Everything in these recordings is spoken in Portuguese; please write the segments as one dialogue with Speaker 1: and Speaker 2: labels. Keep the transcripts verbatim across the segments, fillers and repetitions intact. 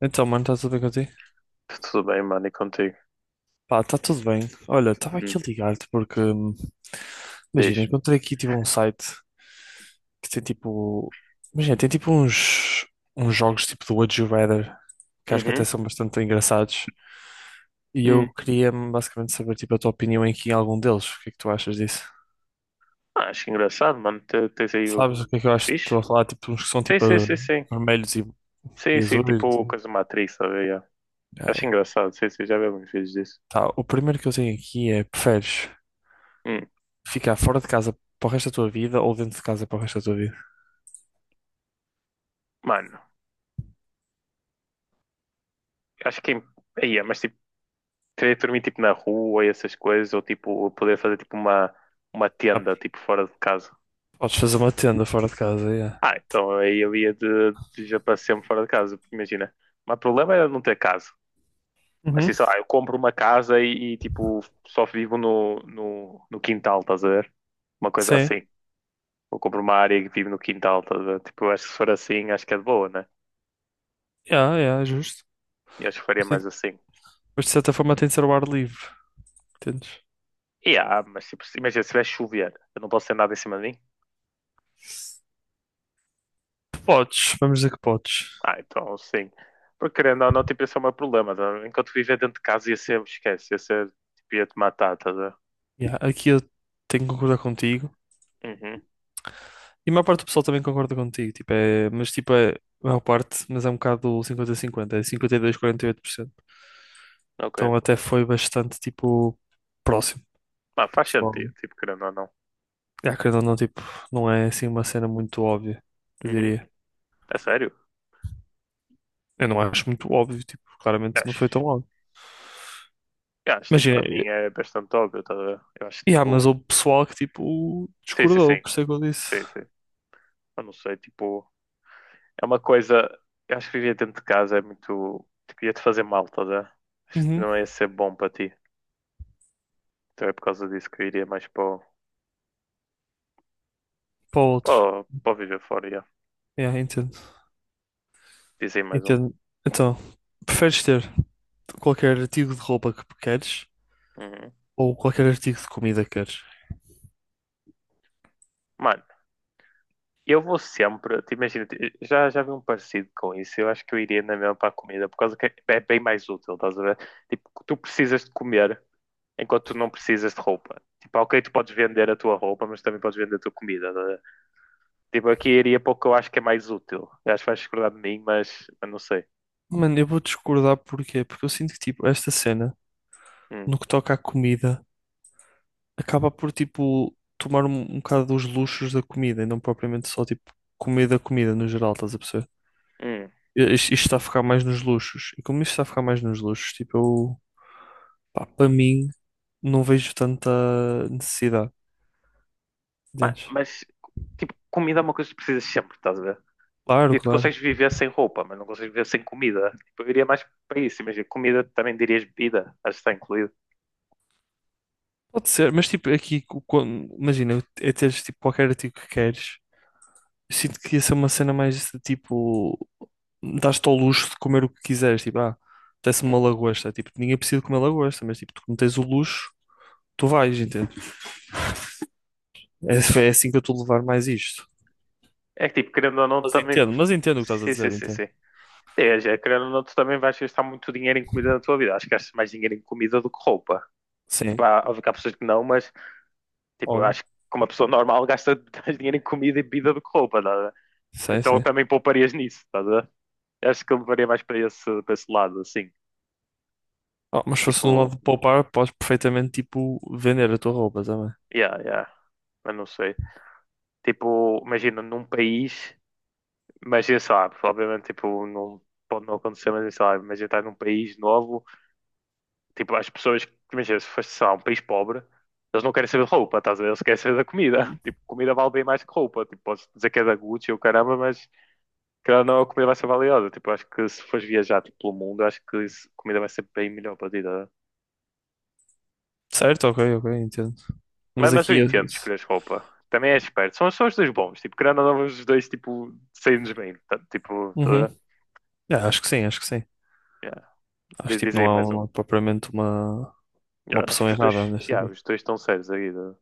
Speaker 1: Então, mano, está tudo bem contigo?
Speaker 2: Tudo bem, mano, e contigo?
Speaker 1: Pá, está tudo bem. Olha, estava aqui
Speaker 2: Hum.
Speaker 1: a ligar-te porque, hum, imagina,
Speaker 2: Diz.
Speaker 1: encontrei aqui tipo um site que tem tipo, imagina, tem tipo uns, uns jogos tipo do Would You Rather, que acho que até
Speaker 2: Uhum.
Speaker 1: são bastante engraçados. E eu
Speaker 2: Hum.
Speaker 1: queria hum, basicamente saber tipo a tua opinião aqui em algum deles. O que é que tu achas disso?
Speaker 2: Ah, acho engraçado, mano. Te- Tens aí o.
Speaker 1: Sabes o que é que eu acho?
Speaker 2: Fixe?
Speaker 1: Estou a falar tipo uns que são
Speaker 2: Sim,
Speaker 1: tipo
Speaker 2: sim,
Speaker 1: eh,
Speaker 2: sim, sim.
Speaker 1: vermelhos e, e
Speaker 2: Sim, sim,
Speaker 1: azuis,
Speaker 2: tipo
Speaker 1: assim.
Speaker 2: coisa de Matrix, sabe? Yeah.
Speaker 1: Ah,
Speaker 2: Acho
Speaker 1: é.
Speaker 2: engraçado, sim, sim, já vi alguns vídeos disso.
Speaker 1: Tá, o primeiro que eu tenho aqui é preferes
Speaker 2: Hum.
Speaker 1: ficar fora de casa para o resto da tua vida ou dentro de casa para o resto da tua vida?
Speaker 2: Mano, acho que. Aí, mas tipo, queria dormir tipo na rua e essas coisas, ou tipo, poder fazer tipo uma, uma
Speaker 1: Ah,
Speaker 2: tenda, tipo, fora de casa.
Speaker 1: podes fazer uma tenda fora de casa, yeah.
Speaker 2: Ah, então aí eu ia de, de já para sempre fora de casa, porque imagina. Mas o problema era não ter casa. Mas
Speaker 1: Uhum.
Speaker 2: assim, sei lá, eu compro uma casa e, e, tipo, só vivo no, no, no quintal, estás a ver? Uma coisa
Speaker 1: Sim,
Speaker 2: assim. Eu compro uma área e vivo no quintal, estás a ver? Tipo, eu acho que se for assim, acho que é de boa, né?
Speaker 1: yeah, yeah, justo.
Speaker 2: Eu acho que faria
Speaker 1: Sim,
Speaker 2: mais assim.
Speaker 1: mas de certa forma tem de ser o ar livre, entendes?
Speaker 2: E ah, mas tipo, se- imagina, se vai chover, eu não posso ter nada em cima de mim?
Speaker 1: Podes, vamos dizer que podes.
Speaker 2: Ah, então sim. Porque querendo ou não, tipo, esse é o meu problema, tá? Enquanto viver dentro de casa ia ser, esquece, ia ser, tipo, ia te matar, estás a ver?
Speaker 1: Yeah, aqui eu tenho que concordar contigo.
Speaker 2: Uhum,
Speaker 1: E a maior parte do pessoal também concorda contigo, tipo, é, mas tipo, é, a maior parte, mas é um bocado cinquenta a cinquenta, é cinquenta e dois a quarenta e oito por cento.
Speaker 2: ok.
Speaker 1: Então até foi bastante, tipo, próximo
Speaker 2: Ah,
Speaker 1: do
Speaker 2: faz
Speaker 1: pessoal.
Speaker 2: sentido, tipo, querendo ou não.
Speaker 1: É, querendo ou não, tipo, não é assim uma cena muito óbvia, eu
Speaker 2: Uhum.
Speaker 1: diria.
Speaker 2: É sério?
Speaker 1: Eu não acho muito óbvio, tipo, claramente não foi
Speaker 2: Acho.
Speaker 1: tão óbvio.
Speaker 2: Eu acho,
Speaker 1: Mas,
Speaker 2: tipo,
Speaker 1: é,
Speaker 2: para mim
Speaker 1: eu-
Speaker 2: é bastante óbvio, tá? A ver? Eu acho que,
Speaker 1: yeah, mas
Speaker 2: tipo,
Speaker 1: houve pessoal que, tipo,
Speaker 2: sim, sim,
Speaker 1: discordou,
Speaker 2: sim,
Speaker 1: por isso é que eu disse.
Speaker 2: sim, sim. Eu não sei, tipo, é uma coisa, eu acho que viver dentro de casa é muito, tipo, ia-te fazer mal, tá? A ver? Acho que
Speaker 1: Uhum,
Speaker 2: não ia ser bom para ti. Então é por causa disso que eu iria mais para o,
Speaker 1: para o outro.
Speaker 2: para o- para o viver fora, já.
Speaker 1: Yeah, entendo.
Speaker 2: Dizem mais um.
Speaker 1: Entendo. Então, preferes ter qualquer artigo de roupa que queres?
Speaker 2: Uhum.
Speaker 1: Ou qualquer artigo de comida queres?
Speaker 2: Mano, eu vou sempre, te imagina, te- já, já vi um parecido com isso, eu acho que eu iria na mesma para a comida, por causa que é é bem mais útil, estás a ver? Tipo, tu precisas de comer, enquanto tu não precisas de roupa. Tipo, ok, tu podes vender a tua roupa, mas também podes vender a tua comida, tá a ver? Tipo, aqui iria para o que eu acho que é mais útil. Eu acho que vais discordar de mim, mas eu não sei.
Speaker 1: Mano, eu vou discordar porquê? Porque eu sinto que, tipo, esta cena,
Speaker 2: Hum,
Speaker 1: no que toca à comida, acaba por, tipo, tomar um, um bocado dos luxos da comida e não propriamente só, tipo, comida, comida no geral, estás a perceber?
Speaker 2: hum.
Speaker 1: I- Isto, isto está a ficar mais nos luxos. E como isto está a ficar mais nos luxos, tipo, eu, pá, para mim, não vejo tanta necessidade.
Speaker 2: Mas,
Speaker 1: Entendes?
Speaker 2: mas, tipo, comida é uma coisa que precisas sempre, estás a ver?
Speaker 1: Claro,
Speaker 2: Tipo, tu
Speaker 1: claro.
Speaker 2: consegues viver sem roupa, mas não consegues viver sem comida. Tipo, eu iria mais para isso. Imagina, comida também dirias bebida, acho que está incluído.
Speaker 1: Pode ser, mas tipo, aqui, co- quando, imagina, é teres tipo qualquer artigo que queres. Eu sinto que ia ser uma cena mais de tipo, dás-te ao luxo de comer o que quiseres. Tipo, ah, apetece-me uma lagosta. Tipo, ninguém precisa de comer lagosta, mas tipo, tu não tens o luxo, tu vais, entende? É, é assim que eu estou a levar mais isto.
Speaker 2: É que, tipo, querendo ou não,
Speaker 1: Mas
Speaker 2: também.
Speaker 1: entendo, mas entendo o que estás a
Speaker 2: Sim, sim,
Speaker 1: dizer,
Speaker 2: sim,
Speaker 1: entendo.
Speaker 2: sim. É, já, querendo ou não, tu também vais gastar muito dinheiro em comida na tua vida. Acho que gastas mais dinheiro em comida do que roupa. Tipo,
Speaker 1: Sim,
Speaker 2: há, óbvio que há pessoas que não, mas tipo, eu
Speaker 1: óbvio.
Speaker 2: acho que como uma pessoa normal gasta mais dinheiro em comida e bebida do que roupa, tá?
Speaker 1: Sim,
Speaker 2: Então
Speaker 1: sim.
Speaker 2: também pouparias nisso, tá? Acho que eu levaria mais para esse, para esse lado, assim.
Speaker 1: Ah, mas se fosse um lado
Speaker 2: Tipo,
Speaker 1: de poupar, podes perfeitamente tipo vender a tua roupa também.
Speaker 2: yeah, yeah, mas não sei. Tipo, imagina num país, imagina, sei lá, obviamente, tipo, não pode não acontecer, mas sei lá, imagina estar num país novo, tipo, as pessoas, imagina, se fosse, sei lá, um país pobre, eles não querem saber de roupa, estás a ver? Eles querem saber da comida. Tipo, comida vale bem mais que roupa. Tipo, podes dizer que é da Gucci ou caramba, mas, querendo ou não, é a comida vai ser valiosa. Tipo, acho que se fores viajar tipo, pelo mundo, acho que isso- a comida vai ser bem melhor para ti, tá?
Speaker 1: Certo? Ok, ok, entendo.
Speaker 2: Mas,
Speaker 1: Mas
Speaker 2: mas
Speaker 1: aqui.
Speaker 2: eu
Speaker 1: eu-
Speaker 2: entendo escolheres roupa. Também é esperto. São, são os dois bons. Tipo, querendo ou não, os dois tipo, saem-nos bem, tá? Tipo, tá?
Speaker 1: Uhum. Ah, acho que sim, acho que sim.
Speaker 2: Yeah.
Speaker 1: Acho
Speaker 2: Diz,
Speaker 1: que tipo,
Speaker 2: diz
Speaker 1: não
Speaker 2: aí
Speaker 1: há,
Speaker 2: mais
Speaker 1: um,
Speaker 2: um.
Speaker 1: não há propriamente uma, uma
Speaker 2: Yeah, acho
Speaker 1: opção
Speaker 2: que os dois,
Speaker 1: errada nesta
Speaker 2: yeah,
Speaker 1: aqui.
Speaker 2: os dois estão sérios aí, tá?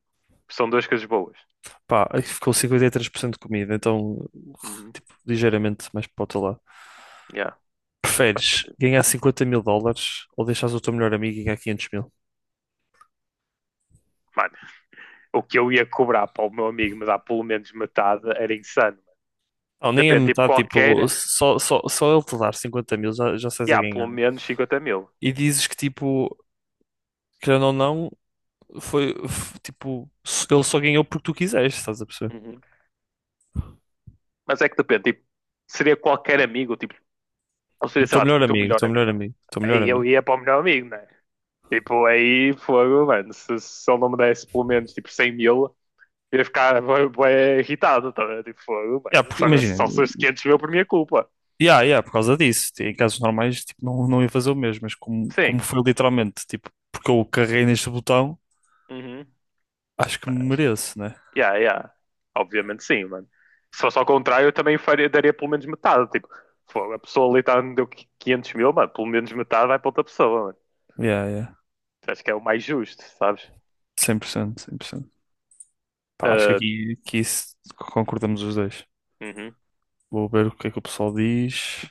Speaker 2: São duas coisas boas.
Speaker 1: Pá, aqui ficou cinquenta e três por cento de comida, então
Speaker 2: Uhum.
Speaker 1: tipo, ligeiramente mais para o outro lado.
Speaker 2: Yeah, faz
Speaker 1: Preferes
Speaker 2: sentido.
Speaker 1: ganhar cinquenta mil dólares ou deixares o teu melhor amigo ganhar quinhentos mil?
Speaker 2: Mano, o que eu ia cobrar para o meu amigo me dar pelo menos metade era insano.
Speaker 1: Não, nem a
Speaker 2: Depende, tipo,
Speaker 1: metade, tipo,
Speaker 2: qualquer,
Speaker 1: só, só, só ele te dar cinquenta mil já, já estás a
Speaker 2: yeah,
Speaker 1: ganhar.
Speaker 2: pelo menos 50 mil.
Speaker 1: E dizes que, tipo, querendo ou não, foi, f- tipo, ele só ganhou porque tu quiseste, estás a perceber?
Speaker 2: Uhum. Mas é que depende, tipo, seria qualquer amigo, tipo, ou seria,
Speaker 1: O
Speaker 2: sei
Speaker 1: teu
Speaker 2: lá, tipo,
Speaker 1: melhor
Speaker 2: o teu
Speaker 1: amigo, o
Speaker 2: melhor
Speaker 1: teu
Speaker 2: amigo.
Speaker 1: melhor amigo, o teu melhor
Speaker 2: Aí eu
Speaker 1: amigo.
Speaker 2: ia para o melhor amigo, né? Tipo, aí fogo, mano, se, se ele não me desse pelo menos, tipo, 100 mil, eu ia ficar bué, bué irritado, tá, vendo? Tipo, fogo, mano,
Speaker 1: Yeah, porque,
Speaker 2: só,
Speaker 1: imagina.
Speaker 2: só se os 500 mil por minha culpa.
Speaker 1: Yeah, yeah, por causa disso. Em casos normais, tipo, não, não ia fazer o mesmo, mas como, como
Speaker 2: Sim.
Speaker 1: foi literalmente, tipo, porque eu carreguei neste botão,
Speaker 2: Uhum.
Speaker 1: acho que me
Speaker 2: Mas,
Speaker 1: mereço, né?
Speaker 2: yeah, yeah. Obviamente sim, mano. Se fosse ao contrário, eu também faria, daria pelo menos metade, tipo, fogo, a pessoa ali tá, me deu 500 mil, mano, pelo menos metade vai para outra pessoa, mano.
Speaker 1: Yeah, yeah.
Speaker 2: Acho que é o mais justo, sabes?
Speaker 1: cem por cento, cem por cento. Pá, acho que
Speaker 2: Ah,
Speaker 1: aqui, aqui isso- concordamos os dois.
Speaker 2: uhum.
Speaker 1: Vou ver o que é que o pessoal diz.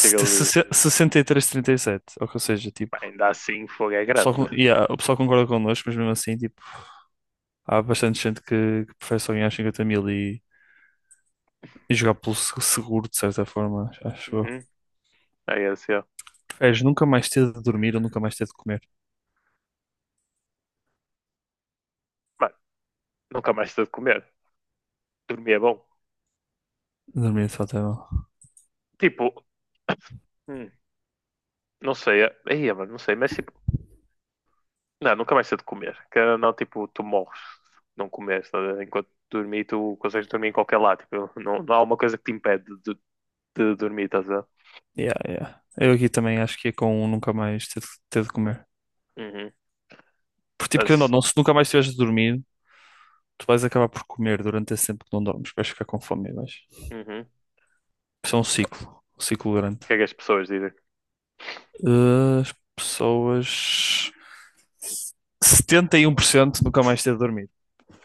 Speaker 2: Que ele,
Speaker 1: sesse- Sessenta e três, trinta e sete ou seja,
Speaker 2: pá,
Speaker 1: tipo,
Speaker 2: ainda assim o fogo é
Speaker 1: o pessoal,
Speaker 2: grande.
Speaker 1: con- yeah, o pessoal concorda connosco, mas mesmo assim, tipo, há bastante gente que, que prefere só ganhar cinquenta mil e, e jogar pelo se- seguro, de certa forma, acho eu.
Speaker 2: Uhum. Aí é assim, ó,
Speaker 1: Preferes nunca mais ter de dormir ou nunca mais ter de comer?
Speaker 2: mano, nunca mais estou de comer. Dormir é bom.
Speaker 1: Dormir de fato é.
Speaker 2: Tipo, hum, não sei, é- aí, é, mano, não sei, mas tipo, não, nunca mais estou de comer. Que não, tipo, tu morres se não comeres, tá, enquanto dormir, tu consegues dormir em qualquer lado. Tipo, não, não há uma coisa que te impede de, de dormir, estás a ver?
Speaker 1: Yeah, yeah. Eu aqui também acho que é com um nunca mais ter, de ter de comer.
Speaker 2: Uhum.
Speaker 1: Porque, tipo, querendo ou
Speaker 2: Mas,
Speaker 1: não, se nunca mais tiveres de dormir, tu vais acabar por comer durante esse tempo que não dormes. Vais ficar com fome, e vais.
Speaker 2: uhum. O
Speaker 1: Isso é um ciclo. Um ciclo grande.
Speaker 2: que é que as pessoas dizem?
Speaker 1: Eh, As pessoas. Setenta e um por cento nunca mais ter de dormir.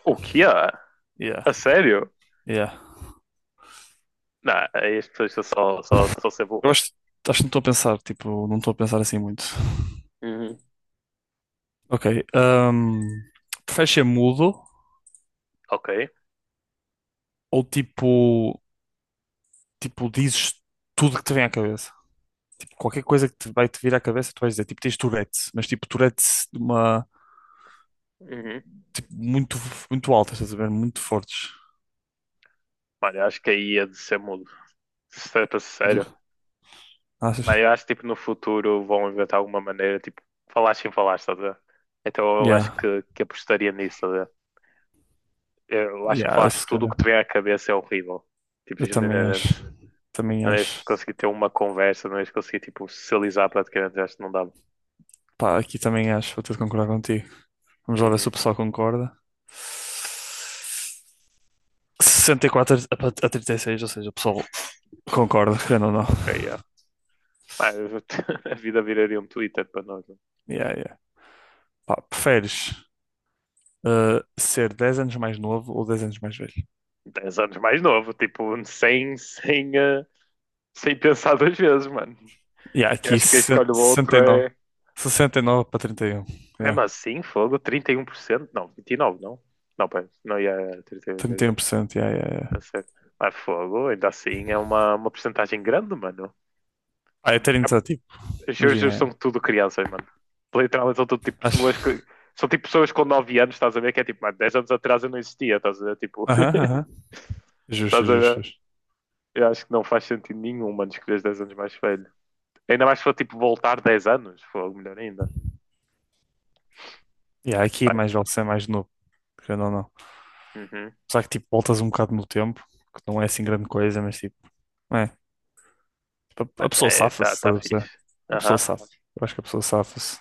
Speaker 2: O que é?
Speaker 1: Yeah,
Speaker 2: A sério?
Speaker 1: yeah.
Speaker 2: Não, aí as pessoas são só, só, só ser
Speaker 1: Eu
Speaker 2: burras.
Speaker 1: acho, acho que não estou a pensar, tipo, não estou a pensar assim muito.
Speaker 2: Uhum.
Speaker 1: Ok. Um, Preferes ser mudo
Speaker 2: Ok.
Speaker 1: ou tipo, tipo, dizes tudo que te vem à cabeça? Qualquer coisa que te vai te vir à cabeça, tu vais dizer, tipo, tens Tourette, mas tipo, Tourette de uma,
Speaker 2: Uhum.
Speaker 1: tipo, muito, muito altas estás a ver? Muito fortes.
Speaker 2: Olha, acho que aí ia de ser mudo. Certo,
Speaker 1: Do-
Speaker 2: sério. Mas
Speaker 1: Achas?
Speaker 2: eu acho que tipo, no futuro vão inventar alguma maneira, tipo, falar sem falar, estás a ver? Então eu acho
Speaker 1: Yeah,
Speaker 2: que, que apostaria nisso, estás a ver? Eu acho que
Speaker 1: yeah, eu,
Speaker 2: falaste
Speaker 1: se
Speaker 2: tudo o
Speaker 1: calhar.
Speaker 2: que te vem à cabeça é horrível. Tipo,
Speaker 1: Eu também acho.
Speaker 2: genuinamente.
Speaker 1: Também
Speaker 2: Não és de
Speaker 1: acho.
Speaker 2: conseguir ter uma conversa, não és de conseguir, tipo, socializar praticamente, eu acho que não dava.
Speaker 1: Pá, aqui também acho, vou ter de concordar contigo. Vamos lá ver se o
Speaker 2: Uhum,
Speaker 1: pessoal concorda. Sessenta e quatro a a trinta e seis ou seja, o pessoal concorda, querendo ou não.
Speaker 2: ok, yeah. Mas a vida viraria um Twitter para nós, né?
Speaker 1: Yeah, yeah. Pá, preferes eh, ser dez anos mais novo ou dez anos mais velho?
Speaker 2: 10 anos mais novo, tipo, sem, sem, eh, sem pensar duas vezes, mano.
Speaker 1: Yeah,
Speaker 2: Eu
Speaker 1: aqui
Speaker 2: acho que quem
Speaker 1: se-
Speaker 2: escolhe o outro
Speaker 1: sessenta e nove.
Speaker 2: é.
Speaker 1: sessenta e nove para trinta e um.
Speaker 2: Mesmo
Speaker 1: Yeah.
Speaker 2: assim, fogo, trinta e um por cento. Não, vinte e nove por cento, não. Não, pera, não ia trinta e oito, ia-
Speaker 1: trinta e um por cento, yeah, yeah, yeah.
Speaker 2: tá certo. Mas fogo, ainda assim, é uma, uma porcentagem grande, mano.
Speaker 1: Ah, é ter
Speaker 2: É-
Speaker 1: iniciativa,
Speaker 2: Os
Speaker 1: imagina.
Speaker 2: juros são
Speaker 1: É.
Speaker 2: tudo crianças, mano. Literalmente são tudo tipo pessoas
Speaker 1: Acho.
Speaker 2: que. São tipo pessoas com nove anos, estás a ver? Que é tipo, mano, dez anos atrás eu não existia, estás a ver? Tipo,
Speaker 1: Aham, aham. Justo,
Speaker 2: estás a
Speaker 1: justo,
Speaker 2: ver?
Speaker 1: justo.
Speaker 2: Eu acho que não faz sentido nenhum, mano, escolheres dez anos mais velho. Ainda mais se for tipo voltar dez anos, fogo, melhor ainda.
Speaker 1: Yeah, aqui é
Speaker 2: Vai.
Speaker 1: mais vale ser mais novo, querendo ou não.
Speaker 2: Uhum.
Speaker 1: Só que tipo, voltas um bocado no tempo, que não é assim grande coisa, mas tipo, é. Tipo, a a
Speaker 2: Mano,
Speaker 1: pessoa
Speaker 2: é,
Speaker 1: safa-se,
Speaker 2: tá,
Speaker 1: estás
Speaker 2: tá
Speaker 1: a perceber?
Speaker 2: fixe.
Speaker 1: A pessoa
Speaker 2: Aham.
Speaker 1: safa-se. Eu acho que a pessoa safa-se.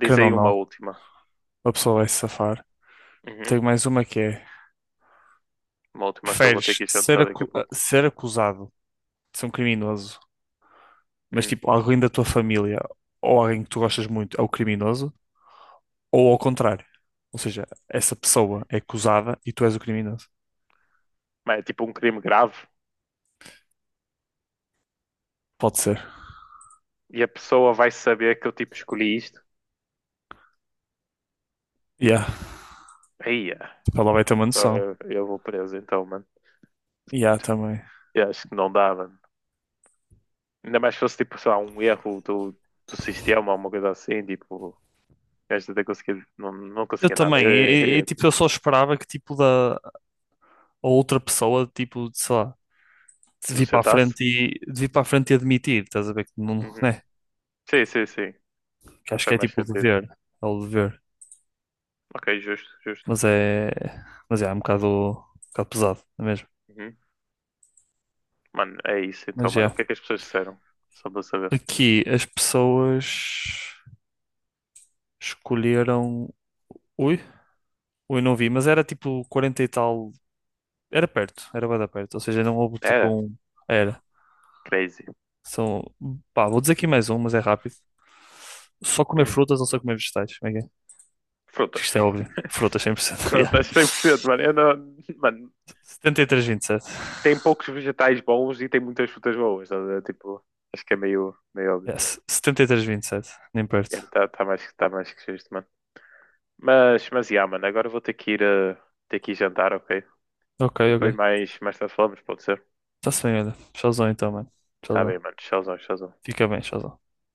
Speaker 2: Diz
Speaker 1: Querendo ou
Speaker 2: aí uma
Speaker 1: não,
Speaker 2: última.
Speaker 1: a pessoa vai se safar.
Speaker 2: Uhum.
Speaker 1: Tenho mais uma que é:
Speaker 2: Uma última que eu vou ter
Speaker 1: preferes
Speaker 2: que
Speaker 1: ser,
Speaker 2: jantar daqui a
Speaker 1: acu-
Speaker 2: pouco.
Speaker 1: ser acusado de ser um criminoso mas
Speaker 2: Hum.
Speaker 1: tipo, alguém da tua família ou alguém que tu gostas muito é o criminoso, ou ao contrário. Ou seja, essa pessoa é acusada e tu és o criminoso.
Speaker 2: Mas é tipo um crime grave
Speaker 1: Pode ser.
Speaker 2: e a pessoa vai saber que eu tipo escolhi isto.
Speaker 1: Yeah,
Speaker 2: Aí,
Speaker 1: tipo, ela vai ter uma noção.
Speaker 2: eu, eu vou preso então, mano.
Speaker 1: Yeah, também.
Speaker 2: Eu acho que não dá, mano. Ainda mais se fosse tipo, sei lá, um erro do, do sistema, alguma coisa assim, tipo, gajo até conseguir, não, não
Speaker 1: Eu
Speaker 2: conseguia nada.
Speaker 1: também.
Speaker 2: Eu, eu,
Speaker 1: E, e, e,
Speaker 2: eu
Speaker 1: tipo, eu só esperava que tipo da a outra pessoa, tipo, sei lá, de
Speaker 2: não
Speaker 1: vir para a
Speaker 2: sentasse?
Speaker 1: frente e de vir para a frente e admitir, estás a ver que não,
Speaker 2: Uhum.
Speaker 1: né?
Speaker 2: Sim, sim, sim.
Speaker 1: Que acho que
Speaker 2: Faz
Speaker 1: é
Speaker 2: mais
Speaker 1: tipo o
Speaker 2: sentido.
Speaker 1: dever, é o dever.
Speaker 2: Ok, justo, justo.
Speaker 1: Mas é, mas é, é um bocado, um bocado pesado, não é mesmo?
Speaker 2: Uhum. Mano, é isso então,
Speaker 1: Mas
Speaker 2: mano. O
Speaker 1: é.
Speaker 2: que é que as pessoas disseram? Só para saber.
Speaker 1: Aqui as pessoas escolheram. Ui, ui, não vi, mas era tipo quarenta e tal. Era perto, era bem perto. Ou seja, não houve tipo
Speaker 2: É,
Speaker 1: um. Era.
Speaker 2: crazy.
Speaker 1: São. Pá, vou dizer aqui mais um, mas é rápido. Só comer
Speaker 2: Hum.
Speaker 1: frutas ou só comer vegetais? Como é que é?
Speaker 2: Frutas.
Speaker 1: Isto é óbvio. Frutas cem por cento. Yeah.
Speaker 2: Frutas, cem por cento, mano. Eu não- mano,
Speaker 1: setenta e três vírgula vinte e sete.
Speaker 2: tem poucos vegetais bons e tem muitas frutas boas, estás a ver? Tipo, acho que é meio, meio óbvio.
Speaker 1: Yes. setenta e três vírgula vinte e sete. Nem perto.
Speaker 2: Está tá tá mais, tá mais que justo, mano. Mas, mas, yeah, mano, agora eu vou ter que ir, eh, ter que ir jantar, ok? E
Speaker 1: Ok,
Speaker 2: depois
Speaker 1: ok.
Speaker 2: mais, mais tarde falamos, pode ser?
Speaker 1: Está-se bem, olha. Tchauzão então, mano.
Speaker 2: Tá bem,
Speaker 1: Tchauzão.
Speaker 2: mano. Tchauzão, tchauzão.
Speaker 1: Fica bem, tchauzão.